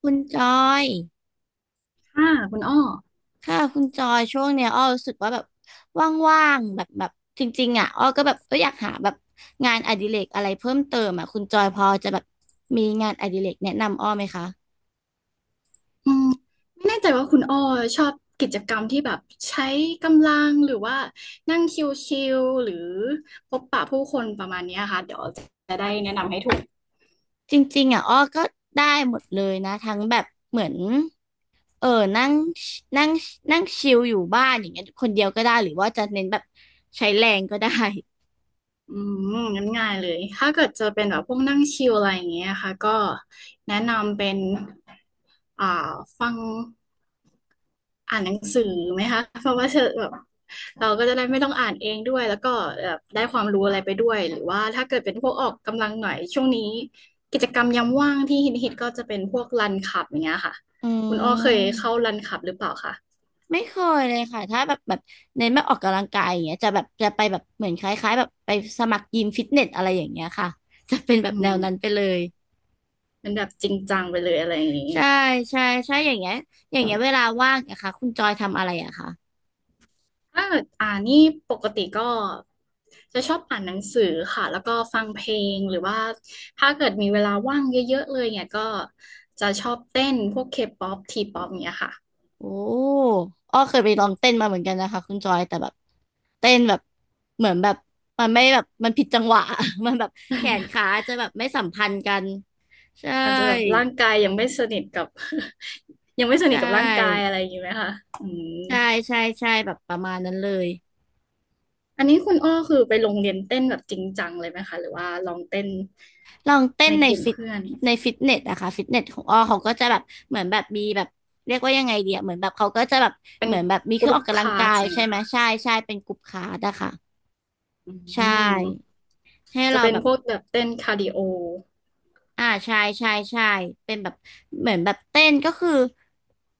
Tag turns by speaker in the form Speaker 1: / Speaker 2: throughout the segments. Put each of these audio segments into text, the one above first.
Speaker 1: คุณจอย
Speaker 2: ค่ะคุณอ้อ
Speaker 1: ค่ะคุณจอยช่วงเนี้ยอ้อรู้สึกว่าแบบว่างๆแบบแบบจริงๆอ่ะอ้อก็แบบอยากหาแบบงานอดิเรกอะไรเพิ่มเติมอ่ะคุณจอยพอจะแบบมีงานอดิเรกแนะนำอ้อไหมคะ
Speaker 2: อืมไม่แน่ใจว่าคุณอ้อชอบกิจกรรมที่แบบใช้กำลังหรือว่านั่งชิลๆหรือพบปะผู้คนประมาณเนี้ยค่ะเดี๋ยวจะได้แนะนำให้ถูก
Speaker 1: จริงๆอ่ะอ้อก็ได้หมดเลยนะทั้งแบบเหมือนเออนั่งนั่งนั่งชิลอยู่บ้านอย่างเงี้ยคนเดียวก็ได้หรือว่าจะเน้นแบบใช้แรงก็ได้
Speaker 2: อืมงั้นง่ายเลยถ้าเกิดจะเป็นแบบพวกนั่งชิลอะไรอย่างเงี้ยค่ะก็แนะนำเป็นอ่าฟัง อ่านหนังสือไหมคะเพราะว่าเธอแบบเราก็จะได้ไม่ต้องอ่านเองด้วยแล้วก็แบบได้ความรู้อะไรไปด้วยหรือว่าถ้าเกิดเป็นพวกออกกำลังหน่อยช่วงนี้กิจกรรมยามว่างที่ฮิตก็จะเป็นพวกรันขับอย่างเงี้ยค่ะ
Speaker 1: อื
Speaker 2: คุณอ้อเคยเข้า
Speaker 1: ม
Speaker 2: รันขับหรือเปล่าคะ
Speaker 1: ไม่เคยเลยค่ะถ้าแบบแบบเน้นแบบออกกำลังกายอย่างเงี้ยจะแบบจะไปแบบเหมือนคล้ายๆแบบไปสมัครยิมฟิตเนสอะไรอย่างเงี้ยค่ะ จะเป็นแบบ
Speaker 2: อื
Speaker 1: แนวนั้นไป
Speaker 2: ม
Speaker 1: เลย
Speaker 2: เป็นแบบจริงจังไปเลยอะไรอย่างงี้
Speaker 1: ใช่ใช่ใช่อย่างเงี้ยอย่างเงี้ยเวลาว่างนะคะคุณจอยทำอะไรอะคะ
Speaker 2: ถ้าเกิดอ่านนี่ปกติก็จะชอบอ่านหนังสือค่ะแล้วก็ฟังเพลงหรือว่าถ้าเกิดมีเวลาว่างเยอะๆเลยเนี่ยก็จะชอบเต้นพวกเคป๊อปทีป๊อปเนี่ยค่ะ
Speaker 1: โอ้อ้อเคยไปลองเต้นมาเหมือนกันนะคะคุณจอยแต่แบบเต้นแบบเหมือนแบบมันไม่แบบมันผิดจังหวะ มันแบบแขนขาจะแบบไม่สัมพันธ์กันใช่
Speaker 2: อาจจะแบบร่างกายยังไม่สนิทกับ ยังไม่ส
Speaker 1: ใช
Speaker 2: นิทกับร่างกาย
Speaker 1: ่
Speaker 2: อะไรอย่างนี้ไหมคะอืม
Speaker 1: ใช่ใช่ใช่แบบประมาณนั้นเลย
Speaker 2: อันนี้คุณอ้อคือไปโรงเรียนเต้นแบบจริงจังเลยไหมคะหรือว่าลองเต้น
Speaker 1: ลองเต้น
Speaker 2: ในกลุ่มเพื่อน
Speaker 1: ในฟิตเนสอะค่ะฟิตเนสของอ้อเขาก็จะแบบเหมือนแบบมีแบบเรียกว่ายังไงเดียเหมือนแบบเขาก็จะแบบ
Speaker 2: เป็น
Speaker 1: เหมือนแบบมีเค
Speaker 2: ก
Speaker 1: รื่องอ
Speaker 2: รุ๊ป
Speaker 1: อก
Speaker 2: ค
Speaker 1: กำลัง
Speaker 2: ลา
Speaker 1: กา
Speaker 2: ส
Speaker 1: ย
Speaker 2: อย่าง
Speaker 1: ใช่
Speaker 2: เงี้ย
Speaker 1: ไหม
Speaker 2: ค่ะ
Speaker 1: ใช่ใช่เป็นกลุ่มคลาสอะค่ะ
Speaker 2: อื
Speaker 1: ใช่
Speaker 2: ม
Speaker 1: ให้
Speaker 2: จะ
Speaker 1: เรา
Speaker 2: เป็น
Speaker 1: แบบ
Speaker 2: พวกแบบเต้นคาร์ดิโอ
Speaker 1: อ่าใช่ใช่ใช่เป็นแบบเหมือนแบบเต้นก็คือ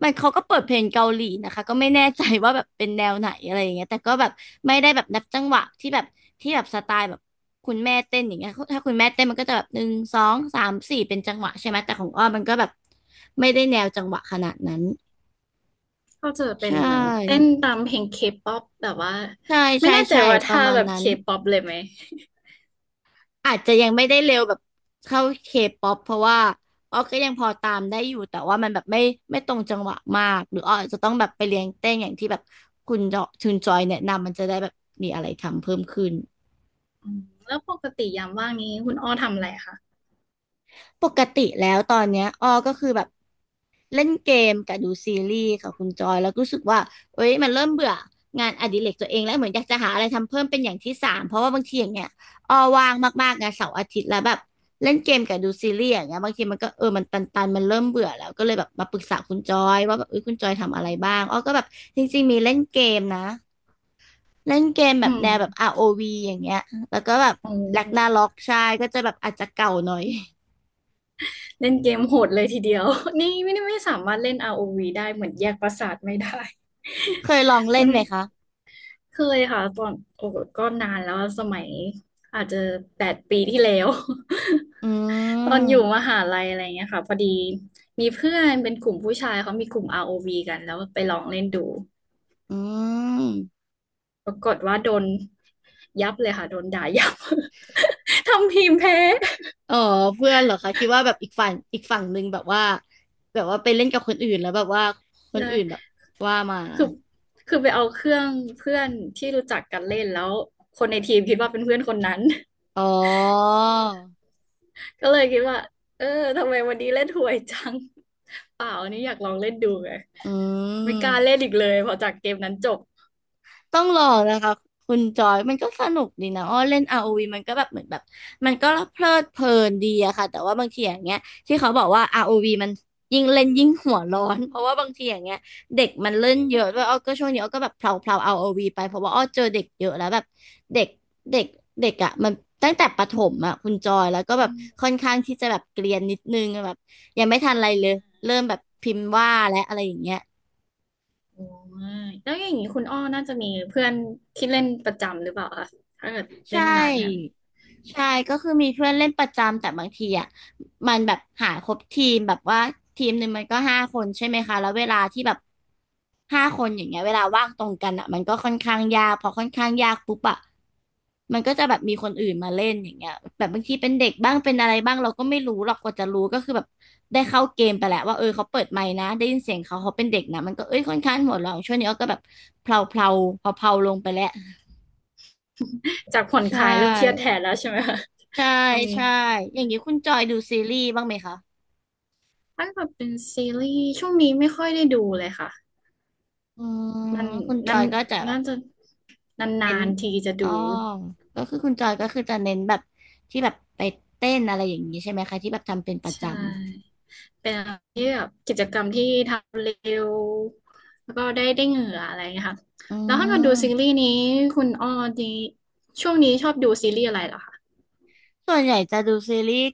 Speaker 1: มันเขาก็เปิดเพลงเกาหลีนะคะก็ไม่แน่ใจว่าแบบเป็นแนวไหนอะไรอย่างเงี้ยแต่ก็แบบไม่ได้แบบนับจังหวะที่แบบที่แบบสไตล์แบบคุณแม่เต้นอย่างเงี้ยถ้าคุณแม่เต้นมันก็จะแบบหนึ่งสองสามสี่เป็นจังหวะใช่ไหมแต่ของอ้อมมันก็แบบไม่ได้แนวจังหวะขนาดนั้น
Speaker 2: ก็จะ
Speaker 1: ใช
Speaker 2: เป็นเหมือนเต้น
Speaker 1: ่
Speaker 2: ตามเพลงเคป๊อปแต่ว่า
Speaker 1: ใช่
Speaker 2: ไม่
Speaker 1: ใช่
Speaker 2: แน่ใจ
Speaker 1: ใช่
Speaker 2: ว่า
Speaker 1: ประ
Speaker 2: ท่า
Speaker 1: มาณ
Speaker 2: แบบ
Speaker 1: นั้
Speaker 2: เค
Speaker 1: น
Speaker 2: ป๊อปเลยไหม
Speaker 1: อาจจะยังไม่ได้เร็วแบบเข้าเคป๊อปเพราะว่าอ้อก็ยังพอตามได้อยู่แต่ว่ามันแบบไม่ตรงจังหวะมากหรืออ้ออาจจะต้องแบบไปเรียนเต้นอย่างที่แบบคุณจอชุนจอยแนะนำมันจะได้แบบมีอะไรทำเพิ่มขึ้น
Speaker 2: อืมแล้วปกติยามว่างนี้คุณอ้อทำอะไรคะ
Speaker 1: ปกติแล้วตอนเนี้ยอ้อก็คือแบบ เล่นเกมกับดูซีรีส์ค่ะคุณจอยแล้วก็รู้สึกว่าเอ้ยมันเริ่มเบื่องานอดิเรกตัวเองแล้วเหมือนอยากจะหาอะไรทำเพิ่มเป็นอย่างที่สามเพราะว่าบางทีอย่างเงี้ยออว่างมากๆนะเสาร์อาทิตย์แล้วแบบเล่นเกมกับดูซีรีส์อย่างเงี้ยบางทีมันก็มันตันๆมันเริ่มเบื่อแล้วก็เลยแบบมาปรึกษาคุณจอยว่าแบบเอ้ยคุณจอยทำอะไรบ้างอ้อก็แบบจริงๆมีเล่นเกมนะเล่นเกมแบ
Speaker 2: อื
Speaker 1: บ
Speaker 2: ม
Speaker 1: แนวแบบ ROV อวีอย่างเงี้ยแล้วก็แบบ
Speaker 2: โอ้
Speaker 1: แลกนาล็อก
Speaker 2: อ
Speaker 1: ใช่ก็จะแบบอาจจะเก่าหน่อย
Speaker 2: เล่นเกมโหดเลยทีเดียว นี่ไม่ได้ไม่สามารถเล่น ROV ได้เหมือนแยกประสาทไม่ได้
Speaker 1: เคยลอง เล่
Speaker 2: มั
Speaker 1: น
Speaker 2: น
Speaker 1: ไหมคะ
Speaker 2: เคยค่ะตอนโอ้ก็นานแล้วสมัยอาจจะ8 ปีที่แล้ว
Speaker 1: อื
Speaker 2: ตอนอยู่ม
Speaker 1: ม
Speaker 2: หาลัยอะไรเงี้ยค่ะพอดีมีเพื่อนเป็นกลุ่มผู้ชายเขามีกลุ่ม ROV กันแล้วไปลองเล่นดู
Speaker 1: อืม
Speaker 2: ปรากฏว่าโดนยับเลยค่ะโดนด่ายับ ทำทีมแพ้
Speaker 1: อ๋อเพื่อนเหรอคะคิดว่าแบบอีกฝั่งอีกฝั่งหนึ่งแบบว่าแบบว่าไปเล่นกับคนอื่นแล้วแบบว่าคนอื่นแบบ ว่ามา
Speaker 2: คือคือไปเอาเครื่องเพื่อนที่รู้จักกันเล่นแล้วคนในทีมคิดว่าเป็นเพื่อนคนนั้น
Speaker 1: อ๋อ
Speaker 2: ก็เลยคิดว่าเออทำไมวันนี้เล่นหวยจัง เปล่าอันนี้อยากลองเล่นดูไง
Speaker 1: อื
Speaker 2: ไม่กล้าเล่น
Speaker 1: ม
Speaker 2: อีกเลยพอจากเกมนั้นจบ
Speaker 1: ต้องลองนะคะคุณจอยมันก็สนุกดีนะอ้อเล่น r วีมันก็แบบเหมือนแบบมันก็เพลิดเพลินดีอะค่ะแต่ว่าบางทีอย่างเงี้ยที่เขาบอกว่าอาร์โอว v มันยิ่งเล่นยิ่งหัวร้อนเพราะว่าบางทีอย่างเงี้ยเด็กมันเล่นเยอะด้วยอ้อก็ช่วงนี้อ้อก็แบบเพลาเพลา r วีไปเพราะว่าอ้อเจอเด็กเยอะแล้วแบบเด็กเด็กเด็กอะมันตั้งแต่ประถมอะคุณจอยแล้วก็แบ
Speaker 2: อื
Speaker 1: บ
Speaker 2: ม
Speaker 1: ค่อนข้างที่จะแบบเกรียนนิดนึงแบบยังไม่ทันอะไรเลยเริ่มแบบพิมพ์ว่าและอะไรอย่างเงี้ย
Speaker 2: โอ้ยแล้วอย่างนี้คุณอ้อน่าจะมีเพื่อนที่เล่นประจำหรือเปล่าคะถ้าเกิด
Speaker 1: ใช
Speaker 2: เล่นนานกัน
Speaker 1: ่ใช่ก็คือมีเพื่อนเล่นประจำแต่บางทีอ่ะมันแบบหาครบทีมแบบว่าทีมหนึ่งมันก็ห้าคนใช่ไหมคะแล้วเวลาที่แบบห้าคนอย่างเงี้ยเวลาว่างตรงกันอ่ะมันก็ค่อนข้างยากพอค่อนข้างยากปุ๊บอ่ะมันก็จะแบบมีคนอื่นมาเล่นอย่างเงี้ยแบบบางทีเป็นเด็กบ้างเป็นอะไรบ้างเราก็ไม่รู้หรอกกว่าจะรู้ก็คือแบบได้เข้าเกมไปแหละว่าเออเขาเปิดไมค์นะได้ยินเสียงเขาเขาเป็นเด็กนะมันก็เอ้ยค่อนข้างหัวเราะช่วงนี้อ้อก็แบบเพลาเพลาพอเพลาๆลงไปแล้ว
Speaker 2: จากผ่อน
Speaker 1: ใช
Speaker 2: คลายเริ่มเครียดแท
Speaker 1: ่
Speaker 2: นแล้วใช่ไหมคะ
Speaker 1: ใช่
Speaker 2: ช่วงนี้
Speaker 1: ใช่ อย่างนี้คุณจอยดูซีรีส์บ้างไหมคะ
Speaker 2: ถ้าเกิดเป็นซีรีส์ช่วงนี้ไม่ค่อยได้ดูเลยค่ะ
Speaker 1: อืม
Speaker 2: มัน
Speaker 1: คุณจอ
Speaker 2: นั้น
Speaker 1: ยก็จะแบ
Speaker 2: น่า
Speaker 1: บ
Speaker 2: จะ
Speaker 1: เน้
Speaker 2: นา
Speaker 1: น
Speaker 2: นๆทีจะ
Speaker 1: อ๋อ
Speaker 2: ดู
Speaker 1: ก็คือคุณจอยก็คือจะเน้นแบบที่แบบไปเต้นอะไรอย่างนี้ใช่ไหมคะที่แบบทำเป็นประ
Speaker 2: ใช
Speaker 1: จ
Speaker 2: ่เป็นอะไรที่แบบกิจกรรมที่ทำเร็วแล้วก็ได้ได้เหงื่ออะไรอย่างเงี้ยค่ะ
Speaker 1: ำอื
Speaker 2: แล้วถ้ามาดูซี
Speaker 1: ม
Speaker 2: รีส์นี้คุณอ้อดีช่วงนี้ชอบดูซีรีส์อะไรเหรอคะ
Speaker 1: ส่วนใหญ่จะดูซีรีส์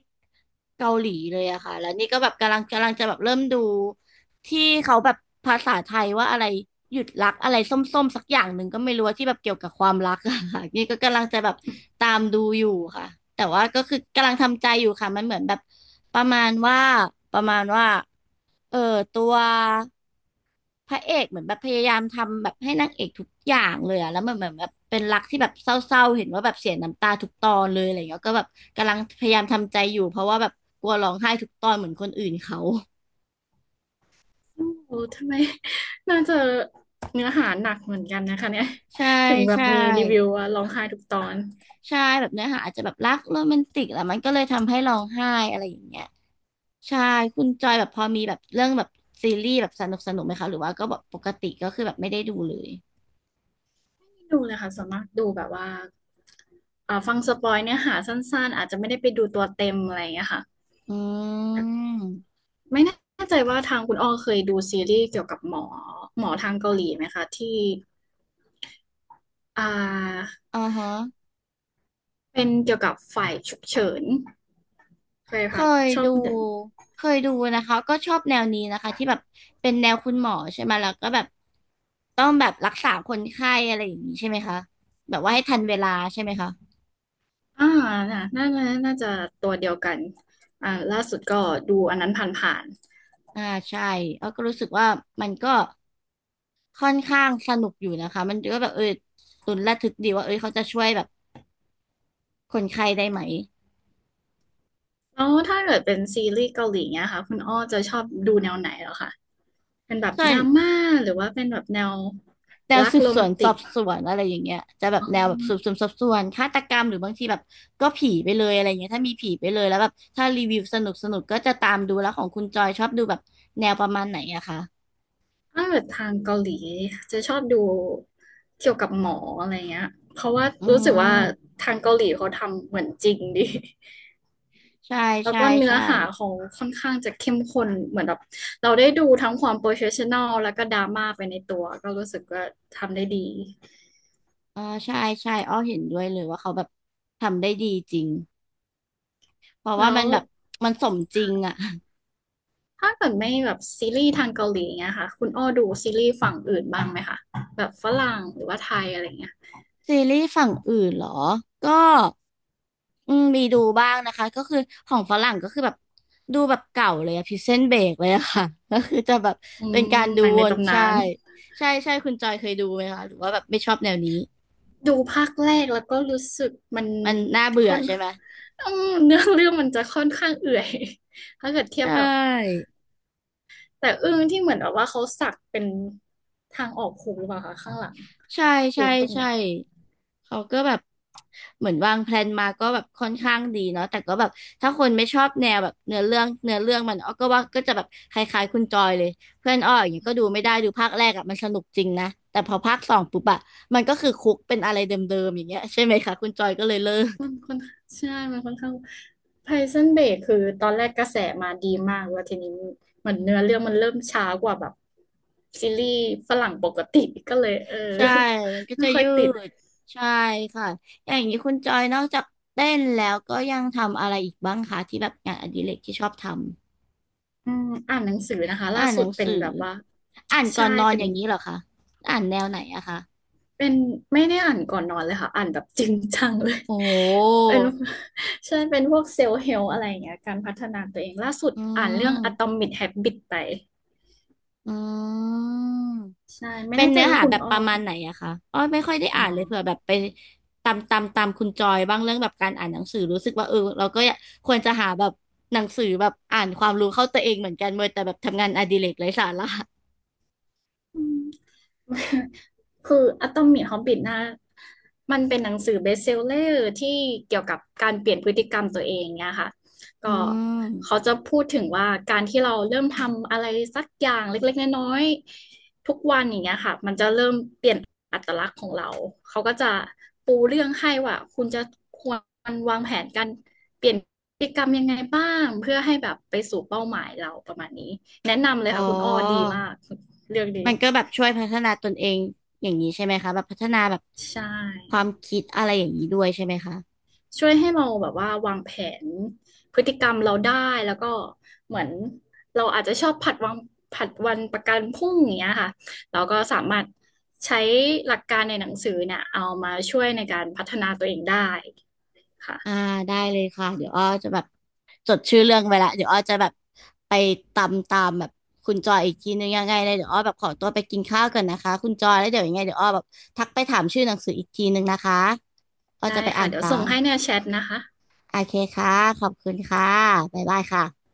Speaker 1: เกาหลีเลยอะค่ะ แล้วนี่ก็แบบกำลังจะแบบเริ่มดูที่เขาแบบภาษาไทยว่าอะไรหยุดรักอะไรส้มๆสักอย่างหนึ่งก็ไม่รู้ว่าที่แบบเกี่ยวกับความรักอะค่ะ นี่ก็กำลังจะแบบตามดูอยู่ค่ะ แต่ว่าก็คือกำลังทำใจอยู่ค่ะ มันเหมือนแบบประมาณว่าประมาณว่าเออตัว พระเอกเหมือนแบบพยายามทำแบบให้นางเอกทุกอย่างเลยอะแล้วมันเหมือนแบบเป็นรักที่แบบเศร้าๆเห็นว่าแบบเสียน้ำตาทุกตอนเลยอะไรเงี้ยก็แบบกำลังพยายามทำใจอยู่เพราะว่าแบบกลัวร้องไห้ทุกตอนเหมือนคนอื่นเขา
Speaker 2: โอ้ทำไม น่าจะเนื้อหาหนักเหมือนกันนะคะเนี่ย
Speaker 1: ใช่
Speaker 2: ถึงแบบ
Speaker 1: ใช่
Speaker 2: มีรีวิวว่าร้องไห้ทุกตอน
Speaker 1: ใช่แบบเนื้อหาอาจจะแบบรักโรแมนติกแหละมันก็เลยทำให้ร้องไห้อะไรอย่างเงี้ยใช่คุณจอยแบบพอมีแบบเรื่องแบบซีรีส์แบบสนุกไหมคะหรือว่าก็แบบปกติก็คือแบบไม่ได้ดูเลย
Speaker 2: ไม่ดูเลยค่ะส่วนมากดูแบบว่าฟังสปอยเนื้อหาสั้นๆอาจจะไม่ได้ไปดูตัวเต็มอะไรอย่างเงี้ยค่ะ
Speaker 1: อืม
Speaker 2: ไม่แน่ใจว่าทางคุณอ้อเคยดูซีรีส์เกี่ยวกับหมอทางเกาหลีไหมคะที่อ่า
Speaker 1: อ่าฮะ
Speaker 2: เป็นเกี่ยวกับฝ่ายฉุกเฉินเคย
Speaker 1: เค
Speaker 2: ผ่าน
Speaker 1: ย
Speaker 2: ชอบ
Speaker 1: ดู
Speaker 2: เดิน
Speaker 1: เคยดูนะคะก็ชอบแนวนี้นะคะที่แบบเป็นแนวคุณหมอใช่ไหมแล้วก็แบบต้องแบบรักษาคนไข้อะไรอย่างนี้ใช่ไหมคะแบบว่าให้ทันเวลาใช่ไหมคะ
Speaker 2: อ่าน่ะน่าน่าน่าจะตัวเดียวกันล่าสุดก็ดูอันนั้นผ่าน
Speaker 1: อ่าใช่แล้วก็รู้สึกว่ามันก็ค่อนข้างสนุกอยู่นะคะมันก็แบบลุ้นระทึกดีว่าเอยเขาจะช่วยแบบคนไข้ได้ไหม
Speaker 2: ๆแล้วถ้าเกิดเป็นซีรีส์เกาหลีเนี่ยค่ะคุณอ้อจะชอบดูแนวไหนเหรอคะเป็นแบบ
Speaker 1: ส่ว
Speaker 2: ด
Speaker 1: น
Speaker 2: ราม่าหรือว่าเป็นแบบแนว
Speaker 1: แนว
Speaker 2: รัก
Speaker 1: สืบ
Speaker 2: โร
Speaker 1: ส
Speaker 2: แม
Speaker 1: วน
Speaker 2: น
Speaker 1: ส
Speaker 2: ติ
Speaker 1: อ
Speaker 2: ก
Speaker 1: บสวนอะไรอย่างเงี้ยจะแบบแนวแบบสืบสวนสอบสวนฆาตกรรมหรือบางทีแบบก็ผีไปเลยอะไรอย่างเงี้ยถ้ามีผีไปเลยแล้วแบบถ้ารีวิวสนุกก็จะตามดูแล้วของคุณจอยชอบดูแบบแนวประมาณไหนอะคะ
Speaker 2: ถ้าเกิดทางเกาหลีจะชอบดูเกี่ยวกับหมออะไรเงี้ยเพราะว่า
Speaker 1: อื
Speaker 2: รู้สึกว่า
Speaker 1: ม
Speaker 2: ทางเกาหลีเขาทำเหมือนจริงดี
Speaker 1: ใช่
Speaker 2: แล้ว
Speaker 1: ใช่
Speaker 2: ก็เนื้อ
Speaker 1: ใช่
Speaker 2: หาเขาค่อนข้างจะเข้มข้นเหมือนแบบเราได้ดูทั้งความโปรเฟชชั่นอลแล้วก็ดราม่าไปในตัวก็รู้สึกว่าทำได้ดี
Speaker 1: อ่าใช่ใช่อ้อเห็นด้วยเลยว่าเขาแบบทำได้ดีจริงเพราะ
Speaker 2: แล้
Speaker 1: ว่ามั
Speaker 2: ว
Speaker 1: นแบบมันสมจริง
Speaker 2: ค่ะ
Speaker 1: อะ
Speaker 2: ถ้าเกิดไม่แบบซีรีส์ทางเกาหลีเงี้ยค่ะคุณอ้อดูซีรีส์ฝั่งอื่นบ้างไหมคะแบบฝรั่งหรือว่าไทยอะไรเงี้ย
Speaker 1: ซีรีส์ฝั่งอื่นเหรอ ก็อืมมีดูบ้างนะคะ ก็คือของฝรั่งก็คือแบบดูแบบเก่าเลยอะพิเซนเบกเลยอะค่ะ ก็คือจะแบบ
Speaker 2: อื
Speaker 1: เป็นการ
Speaker 2: ม
Speaker 1: ดู
Speaker 2: หนัง
Speaker 1: ว
Speaker 2: ใน
Speaker 1: น
Speaker 2: ตำ
Speaker 1: ใช่
Speaker 2: นาน
Speaker 1: ใช่คุณจอยเคยดูไหมคะ หรือว่าแบบไม่ชอบแนวนี้
Speaker 2: ดูภาคแรกแล้วก็รู้สึกมัน
Speaker 1: มันน่าเบื่อ
Speaker 2: ค่อน
Speaker 1: ใช่ไหม
Speaker 2: อืมเนื้อเรื่องมันจะค่อนข้างเอื่อย ถ้าเกิดเที
Speaker 1: ใช
Speaker 2: ยบกับ
Speaker 1: ่
Speaker 2: แต่อึ้งที่เหมือนแบบว่าเขาสักเป็นทางออกหูหรือเปล่าคะข้างหลัง
Speaker 1: ใช่
Speaker 2: หรื
Speaker 1: ใช่
Speaker 2: อตรงไหน
Speaker 1: ใช่เขาก็แบบเหมือนวางแพลนมาก็แบบค่อนข้างดีเนาะแต่ก็แบบถ้าคนไม่ชอบแนวแบบเนื้อเรื่องมันอ้อก็ว่าก็จะแบบคล้ายๆคุณจอยเลยเพื่อนอ้ออย่างเงี้ยก็ดูไม่ได้ดูภาคแรกอะมันสนุกจริงนะแต่พอภาคสองปุ๊บอะมันก็คือคุกเป็นอะไรเดิมๆอย่างเงี้ยใช่ไหมคะคุณจอยก็เลยเลิก
Speaker 2: มันค่อนใช่มันค่อนข้างไพซันเบกคือตอนแรกกระแสมาดีมากแล้วทีนี้เหมือนเนื้อเรื่องมันเริ่มช้ากว่าแบบซีรีส์ฝรั่งปกติก็เลยเออ
Speaker 1: ใช่มันก็
Speaker 2: ไม่
Speaker 1: จะ
Speaker 2: ค่อย
Speaker 1: ยื
Speaker 2: ติด
Speaker 1: ดใช่ค่ะอย่างนี้คุณจอยนอกจากเต้นแล้วก็ยังทำอะไรอีกบ้างคะที่แบบงานอดิเรกที่ชอบทำ
Speaker 2: อืมอ่านหนังสือนะคะ
Speaker 1: อ่า
Speaker 2: ล่า
Speaker 1: นห
Speaker 2: สุ
Speaker 1: นั
Speaker 2: ด
Speaker 1: ง
Speaker 2: เป็
Speaker 1: สื
Speaker 2: น
Speaker 1: อ
Speaker 2: แบบว่า
Speaker 1: อ่านก่อ
Speaker 2: ใช่
Speaker 1: นนอน
Speaker 2: เป็
Speaker 1: อ
Speaker 2: น
Speaker 1: ย่างนี้เหรอคะอ่านแนวไหนอะคะ
Speaker 2: เป็นไม่ได้อ่านก่อนนอนเลยค่ะอ่านแบบจริงจังเลย
Speaker 1: โอ้โ
Speaker 2: เป็
Speaker 1: ห
Speaker 2: นใช่เป็นพวกเซลล์เฮลอะไรอย่างเงี้ยการพัฒนาตัวเองล่าสุด
Speaker 1: อื
Speaker 2: อ่านเรื่อง
Speaker 1: ม
Speaker 2: Atomic Habits ไป
Speaker 1: อืม
Speaker 2: ใช่ไม่
Speaker 1: เป็น
Speaker 2: แน่ใจ
Speaker 1: เนื้อ
Speaker 2: ว่า
Speaker 1: หา
Speaker 2: คุณ
Speaker 1: แบบ
Speaker 2: อ้อ
Speaker 1: ประมาณไหน
Speaker 2: ค่ะ
Speaker 1: อะคะอ้อไม่ค่อยได้
Speaker 2: อ๋อ
Speaker 1: อ่านเลยเผื่อแบบไปตามคุณจอยบ้างเรื่องแบบการอ่านหนังสือรู้สึกว่าเราก็อยากควรจะหาแบบหนังสือแบบอ่านความรู้เข้าตัวเองเหมือนกันเมื่อแต่แบบทำงานอดิเรกไร้สาระ
Speaker 2: อืม คืออ t ตอมิ h ฮอบบินะมันเป็นหนังสือเบสเซลเลอร์ที่เกี่ยวกับการเปลี่ยนพฤติกรรมตัวเองเนี่ยค่ะ
Speaker 1: อื
Speaker 2: ก็เขา
Speaker 1: ม
Speaker 2: จะพูดถึงว่าการที่เราเริ่มทำอะไรสักอย่างเล็กๆน้อยๆทุกวันอย่างเงี้ยค่ะมันจะเริ่มเปลี่ยนอัตลักษณ์ของเราเขาก็จะปูเรื่องให้ว่าคุณจะควรวางแผนการเปลี่ยนพฤติกรรมยังไงบ้างเพื่อให้แบบไปสู่เป้าหมายเราประมาณนี้แนะนำเลย
Speaker 1: อ๋
Speaker 2: ค่ะคุณอ้อดี
Speaker 1: อ
Speaker 2: มากเรื่องดี
Speaker 1: มันก็แบบช่วยพัฒนาตนเองอย่างนี้ใช่ไหมคะแบบพัฒนาแบบ
Speaker 2: ใช่
Speaker 1: ความคิดอะไรอย่างนี้ด้วยใช่ไหมคะ
Speaker 2: ช่วยให้เราแบบว่าวางแผนพฤติกรรมเราได้แล้วก็เหมือนเราอาจจะชอบผัดวางผัดวันประกันพรุ่งอย่างเงี้ยค่ะเราก็สามารถใช้หลักการในหนังสือเนี่ยเอามาช่วยในการพัฒนาตัวเองได้
Speaker 1: อ่า
Speaker 2: ค่ะ
Speaker 1: ได้เลยค่ะเดี๋ยวอ้อจะแบบจดชื่อเรื่องไว้ละเดี๋ยวอ้อจะแบบไปตามแบบคุณจอยอีกทีนึงยังไงเลยเดี๋ยวอ้อแบบขอตัวไปกินข้าวก่อนนะคะคุณจอยแล้วเดี๋ยวยังไงเดี๋ยวอ้อแบบทักไปถามชื่อหนังสืออีกทีนึงนะคะอ้อ
Speaker 2: ได้
Speaker 1: จะไปอ่า
Speaker 2: ค่ะ
Speaker 1: น
Speaker 2: เดี๋ยว
Speaker 1: ตา
Speaker 2: ส่ง
Speaker 1: ม
Speaker 2: ให้ในแชทนะคะ
Speaker 1: โอเคค่ะขอบคุณค่ะบ๊ายบายค่ะ